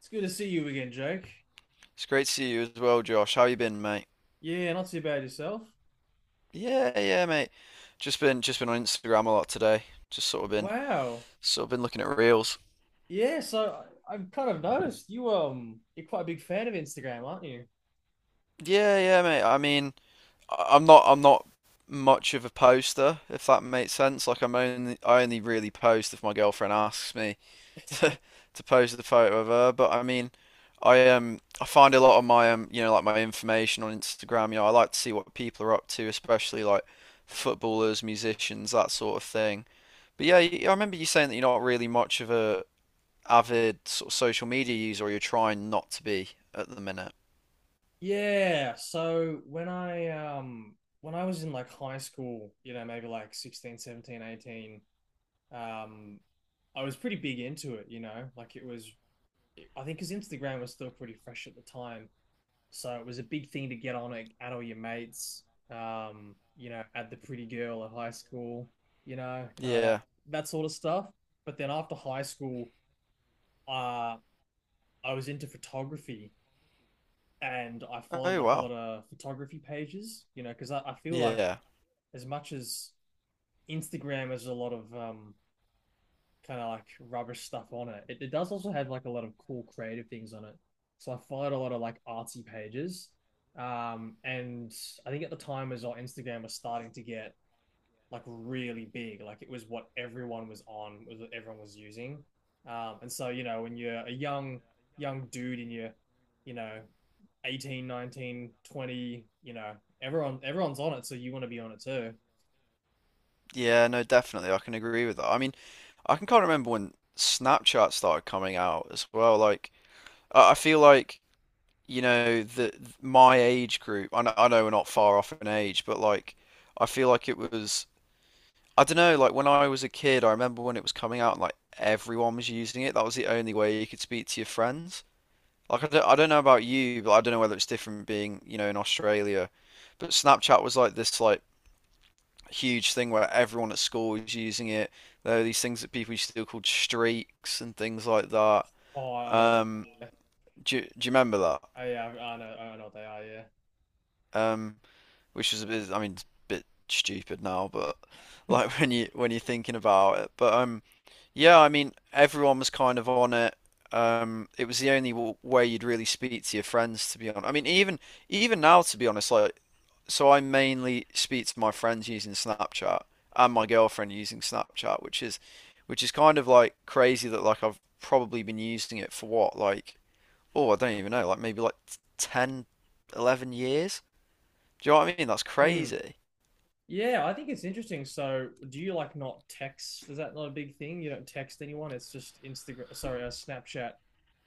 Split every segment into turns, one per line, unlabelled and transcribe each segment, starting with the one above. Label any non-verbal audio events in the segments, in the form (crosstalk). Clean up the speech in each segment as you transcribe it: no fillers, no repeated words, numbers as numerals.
It's good to see you again, Jake.
It's great to see you as well, Josh. How you been, mate?
Yeah, not too bad yourself.
Yeah, yeah, mate. Just been on Instagram a lot today. Just sort of been
Wow.
sort of been looking at reels.
Yeah, so I've kind of noticed you you're quite a big fan of Instagram, aren't you?
Yeah, yeah, mate. I mean, I'm not much of a poster, if that makes sense. Like I only really post if my girlfriend asks me (laughs) to post the photo of her. But I mean, I find a lot of my information on Instagram. You know, I like to see what people are up to, especially like footballers, musicians, that sort of thing. But yeah, I remember you saying that you're not really much of a avid sort of social media user, or you're trying not to be at the minute.
Yeah, so when I was in like high school, you know, maybe like 16, 17, 18, um I was pretty big into it, you know? Like it was I think 'cause Instagram was still pretty fresh at the time. So it was a big thing to get on at all your mates, you know, at the pretty girl at high school, you know, kind of that
Yeah.
that sort of stuff. But then after high school, uh, I was into photography and I followed
Oh
like a lot
wow.
of photography pages, you know, because I feel like
Yeah.
as much as Instagram is a lot of kind of like rubbish stuff on it. It does also have like a lot of cool creative things on it. So I followed a lot of like artsy pages. And I think at the time as well, Instagram was starting to get like really big. Like it was what everyone was on, was what everyone was using. And so, you know, when you're a young dude and you're, you know, 18, 19, 20, you know, everyone's on it. So you want to be on it too.
Yeah, no, definitely. I can agree with that. I mean, I can kind of remember when Snapchat started coming out as well. Like, I feel like, you know, the my age group, I know we're not far off in age, but like, I feel like it was, I don't know, like when I was a kid, I remember when it was coming out, like everyone was using it. That was the only way you could speak to your friends. Like I don't know about you, but I don't know whether it's different being, you know, in Australia. But Snapchat was like this like huge thing where everyone at school was using it. There were these things that people used to do called streaks and things like that.
Oh, I know that.
Um,
Yeah.
do you remember that?
Oh, yeah. I know what they are. Yeah.
Um, which was a bit, I mean, it's a bit stupid now, but like (laughs) when you're thinking about it. But yeah, I mean, everyone was kind of on it. It was the only w way you'd really speak to your friends, to be honest. I mean, even now, to be honest, like. So I mainly speak to my friends using Snapchat and my girlfriend using Snapchat, which is kind of like crazy that like I've probably been using it for what like oh I don't even know like maybe like 10, 11 years. Do you know what I mean? That's
Hmm.
crazy.
Yeah, I think it's interesting. So, do you like not text? Is that not a big thing? You don't text anyone. It's just Instagram. Sorry, Snapchat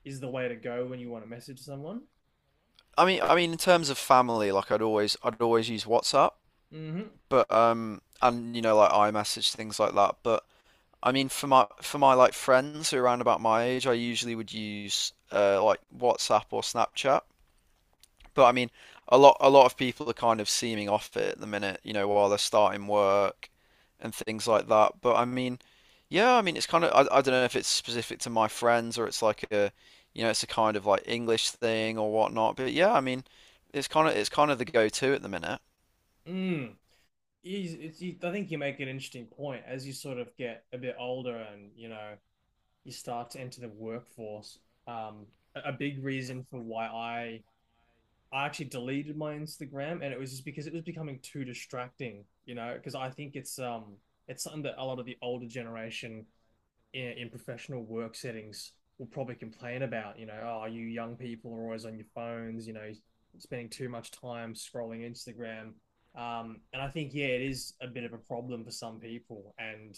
is the way to go when you want to message someone.
I mean in terms of family like I'd always use WhatsApp,
Hmm.
but and you know like iMessage things like that, but I mean, for my like friends who are around about my age, I usually would use like WhatsApp or Snapchat. But I mean, a lot of people are kind of seeming off it at the minute, you know, while they're starting work and things like that. But I mean, yeah, I mean, it's kind of I don't know if it's specific to my friends or it's like a, you know, it's a kind of like English thing or whatnot. But yeah, I mean, it's kind of the go-to at the minute.
Mm. I think you make an interesting point as you sort of get a bit older and you know you start to enter the workforce. Um, a big reason for why I actually deleted my Instagram, and it was just because it was becoming too distracting. You know, because I think it's something that a lot of the older generation in professional work settings will probably complain about, you know, oh, you young people are always on your phones, you know, spending too much time scrolling Instagram. And I think, yeah, it is a bit of a problem for some people. And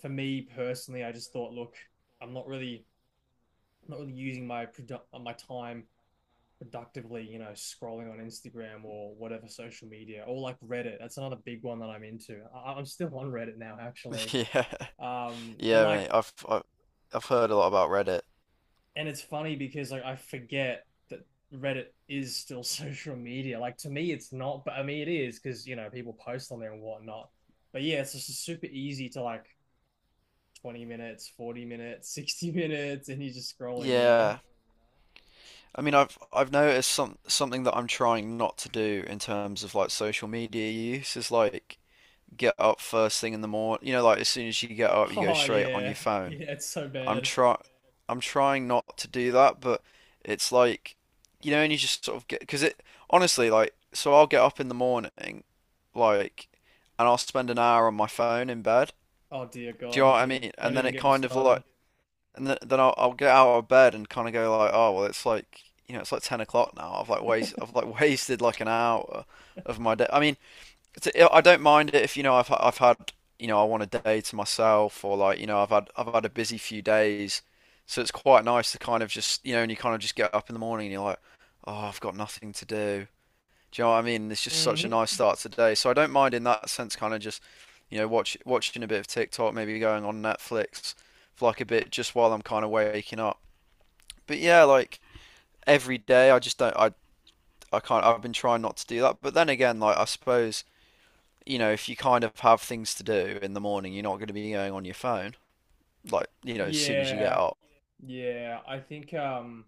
for me personally, I just thought, look, I'm not really, I'm not really using my my time productively, you know, scrolling on Instagram or whatever social media or like Reddit. That's another big one that I'm into. I'm still on Reddit now, actually.
(laughs) Yeah,
Um, and
yeah,
like
mate. I've heard a lot about Reddit.
and it's funny because like I forget that Reddit is still (laughs) social media. Like to me, it's not, but I mean it is because you know people post on there and whatnot. But yeah, it's just super easy to like 20 minutes, 40 minutes, (laughs) 60 minutes, and you're just scrolling. You know?
Yeah.
(laughs)
I mean, I've noticed something that I'm trying not to do in terms of like social media use is like get up first thing in the morning. You know, like as soon as you get up, you go
Oh
straight on your
yeah,
phone.
yeah, it's so
I'm
bad.
try I'm trying not to do that, but it's like, you know, and you just sort of get because it honestly like so I'll get up in the morning, like, and I'll spend an hour on my phone in bed.
Oh dear
Do you know
God,
what I mean?
don't
And then
even
it
get me
kind of
started.
like and then I'll get out of bed and kind of go like, oh well, it's like you know, it's like 10 o'clock now. I've like (laughs) wasted like an hour of my day. I mean. 'Cause I don't mind it if you know I've had you know I want a day to myself or like you know I've had a busy few days, so it's quite nice to kind of just you know and you kind of just get up in the morning and you're like, oh I've got nothing to do. Do you know what I mean? It's just such a
Hmm.
nice start to the day. So I don't mind in that sense, kind of just you know watching a bit of TikTok, maybe going on Netflix for like a bit just while I'm kind of waking up. But yeah, like every day I can't I've been trying not to do that. But then again, like I suppose you know, if you kind of have things to do in the morning, you're not going to be going on your phone. Like, you know, as soon as you get
Yeah,
up.
yeah. I think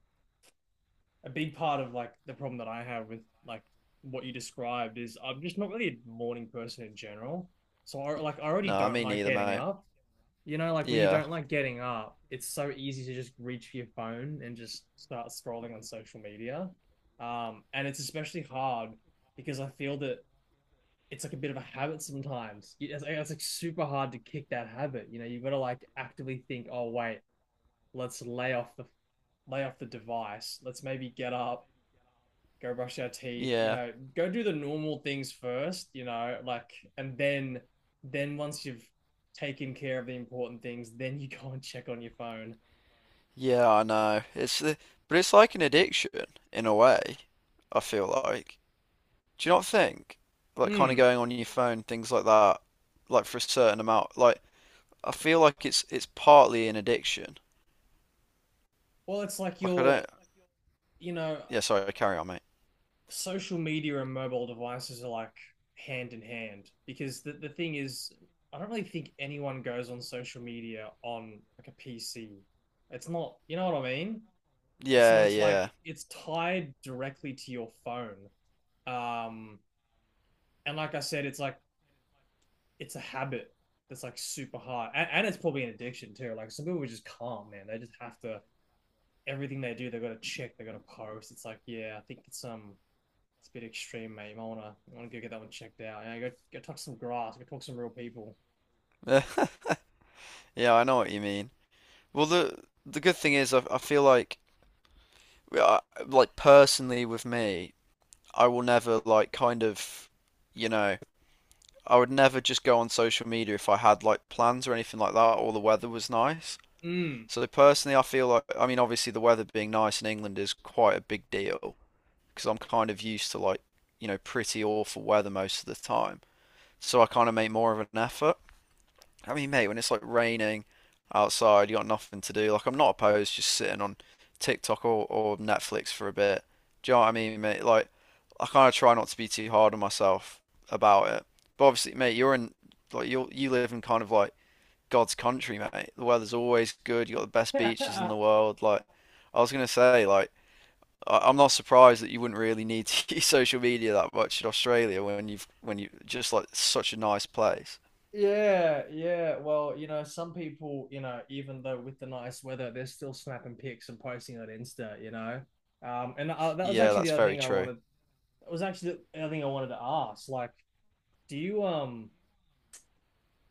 a big part of like the problem that I have with like what you described is I'm just not really a morning person in general. So I already
No,
don't
me
like
neither,
getting
mate.
up. You know, like when you
Yeah,
don't like getting up, it's so easy to just reach for your phone and just start scrolling on social media. And it's especially hard because I feel that it's like a bit of a habit sometimes. It's like super hard to kick that habit. You know, you've got to like actively think, oh wait, let's lay off the device. Let's maybe get up, go brush our teeth, you
yeah,
know, go do the normal things first, you know, like, and then, then once you've taken care of the important things, then you (laughs) go and check on your phone.
yeah, I know. But it's like an addiction in a way, I feel like. Do you not think? Like, kind of
Mm.
going on your phone, things like that, like for a certain amount. Like, I feel like it's partly an addiction.
Well, it's like
Like, I
your,
don't.
you know,
Yeah, sorry, carry on, mate.
social media and mobile devices are like hand in hand because the thing is, I don't really think anyone goes on social media on like a PC. It's not, you know what I mean? So
Yeah,
it's like
yeah.
it's tied directly to your phone. Um, And like I said, it's like it's a habit that's like super hard, and it's probably an addiction too. Like some people are just calm, man. They just have to Everything they do, they got to check, they got to post. It's like, yeah, I think it's a bit extreme, mate. I wanna go get that one checked out. Yeah, go touch some grass, go talk to some real people.
(laughs) Yeah, I know what you mean. Well, the good thing is, I feel like like personally with me, I will never like kind of, you know, I would never just go on social media if I had like plans or anything like that or the weather was nice.
Mm.
So personally, I feel like I mean obviously the weather being nice in England is quite a big deal because I'm kind of used to like, you know, pretty awful weather most of the time. So I kind of make more of an effort. I mean, mate, when it's like raining outside, you got nothing to do. Like, I'm not opposed to just sitting on TikTok or Netflix for a bit. Do you know what I mean, mate? Like, I kind of try not to be too hard on myself about it. But obviously, mate, you live in kind of like God's country, mate. The weather's always good. You got the
(laughs)
best beaches in
yeah,
the world. Like, I was gonna say, like, I'm not surprised that you wouldn't really need to (laughs) use social media that much in Australia when you just like such a nice place.
yeah. Well, you know, some people, you know, even though with the nice weather, they're still snapping pics and posting on Insta. You know, and that was
Yeah,
actually the
that's
other
very
thing I
true.
wanted. It was actually the other thing I wanted to ask. Like, do you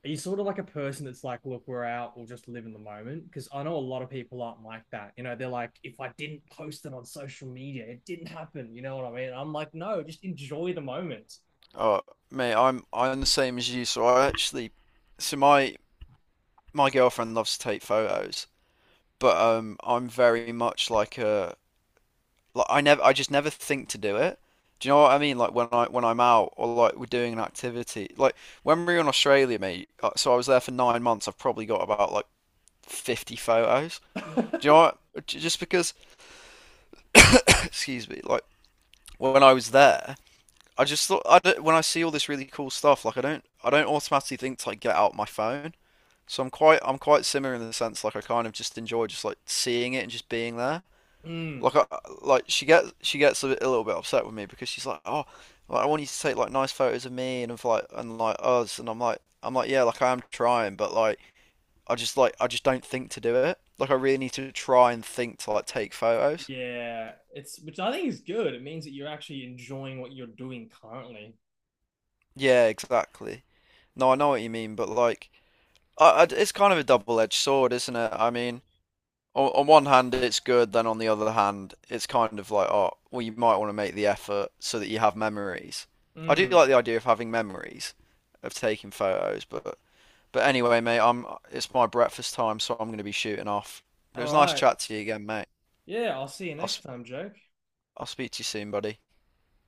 are you sort of like a person that's like, look, we're out, we'll just live in the moment? Because I know a lot of people aren't like that. You know, they're like, if I didn't post it on social media, it didn't happen. You know what I mean? I'm like, no, just enjoy the moment.
Oh, mate, I'm the same as you. So so my my girlfriend loves to take photos, but I'm very much like a like I just never think to do it. Do you know what I mean? Like when I'm out or like we're doing an activity, like when we were in Australia, mate. So I was there for 9 months. I've probably got about like 50 photos. Do you know
(laughs)
what? Just because, (coughs) (clears throat) excuse me, like when I was there, I just thought I don't, when I see all this really cool stuff, like I don't automatically think to like get out my phone. So I'm quite similar in the sense like I kind of just enjoy just like seeing it and just being there.
Mm,
Like I like she gets a little bit upset with me because she's like, oh, like, I want you to take like nice photos of me and of like and like us and I'm like yeah like I am trying but like I just don't think to do it. Like I really need to try and think to like take photos.
yeah, it's which I think is good. It means that you're actually enjoying what you're doing currently.
Yeah, exactly. No, I know what you mean, but like it's kind of a double-edged sword, isn't it? I mean. On one hand it's good, then on the other hand it's kind of like oh well you might want to make the effort so that you have memories. I do
Mm,
like the idea of having memories of taking photos, but anyway, mate, I'm it's my breakfast time, so I'm going to be shooting off. But it
all
was nice
right.
chat to you again, mate.
Yeah, I'll see you
I'll
next
i
time, Jake.
I'll speak to you soon, buddy.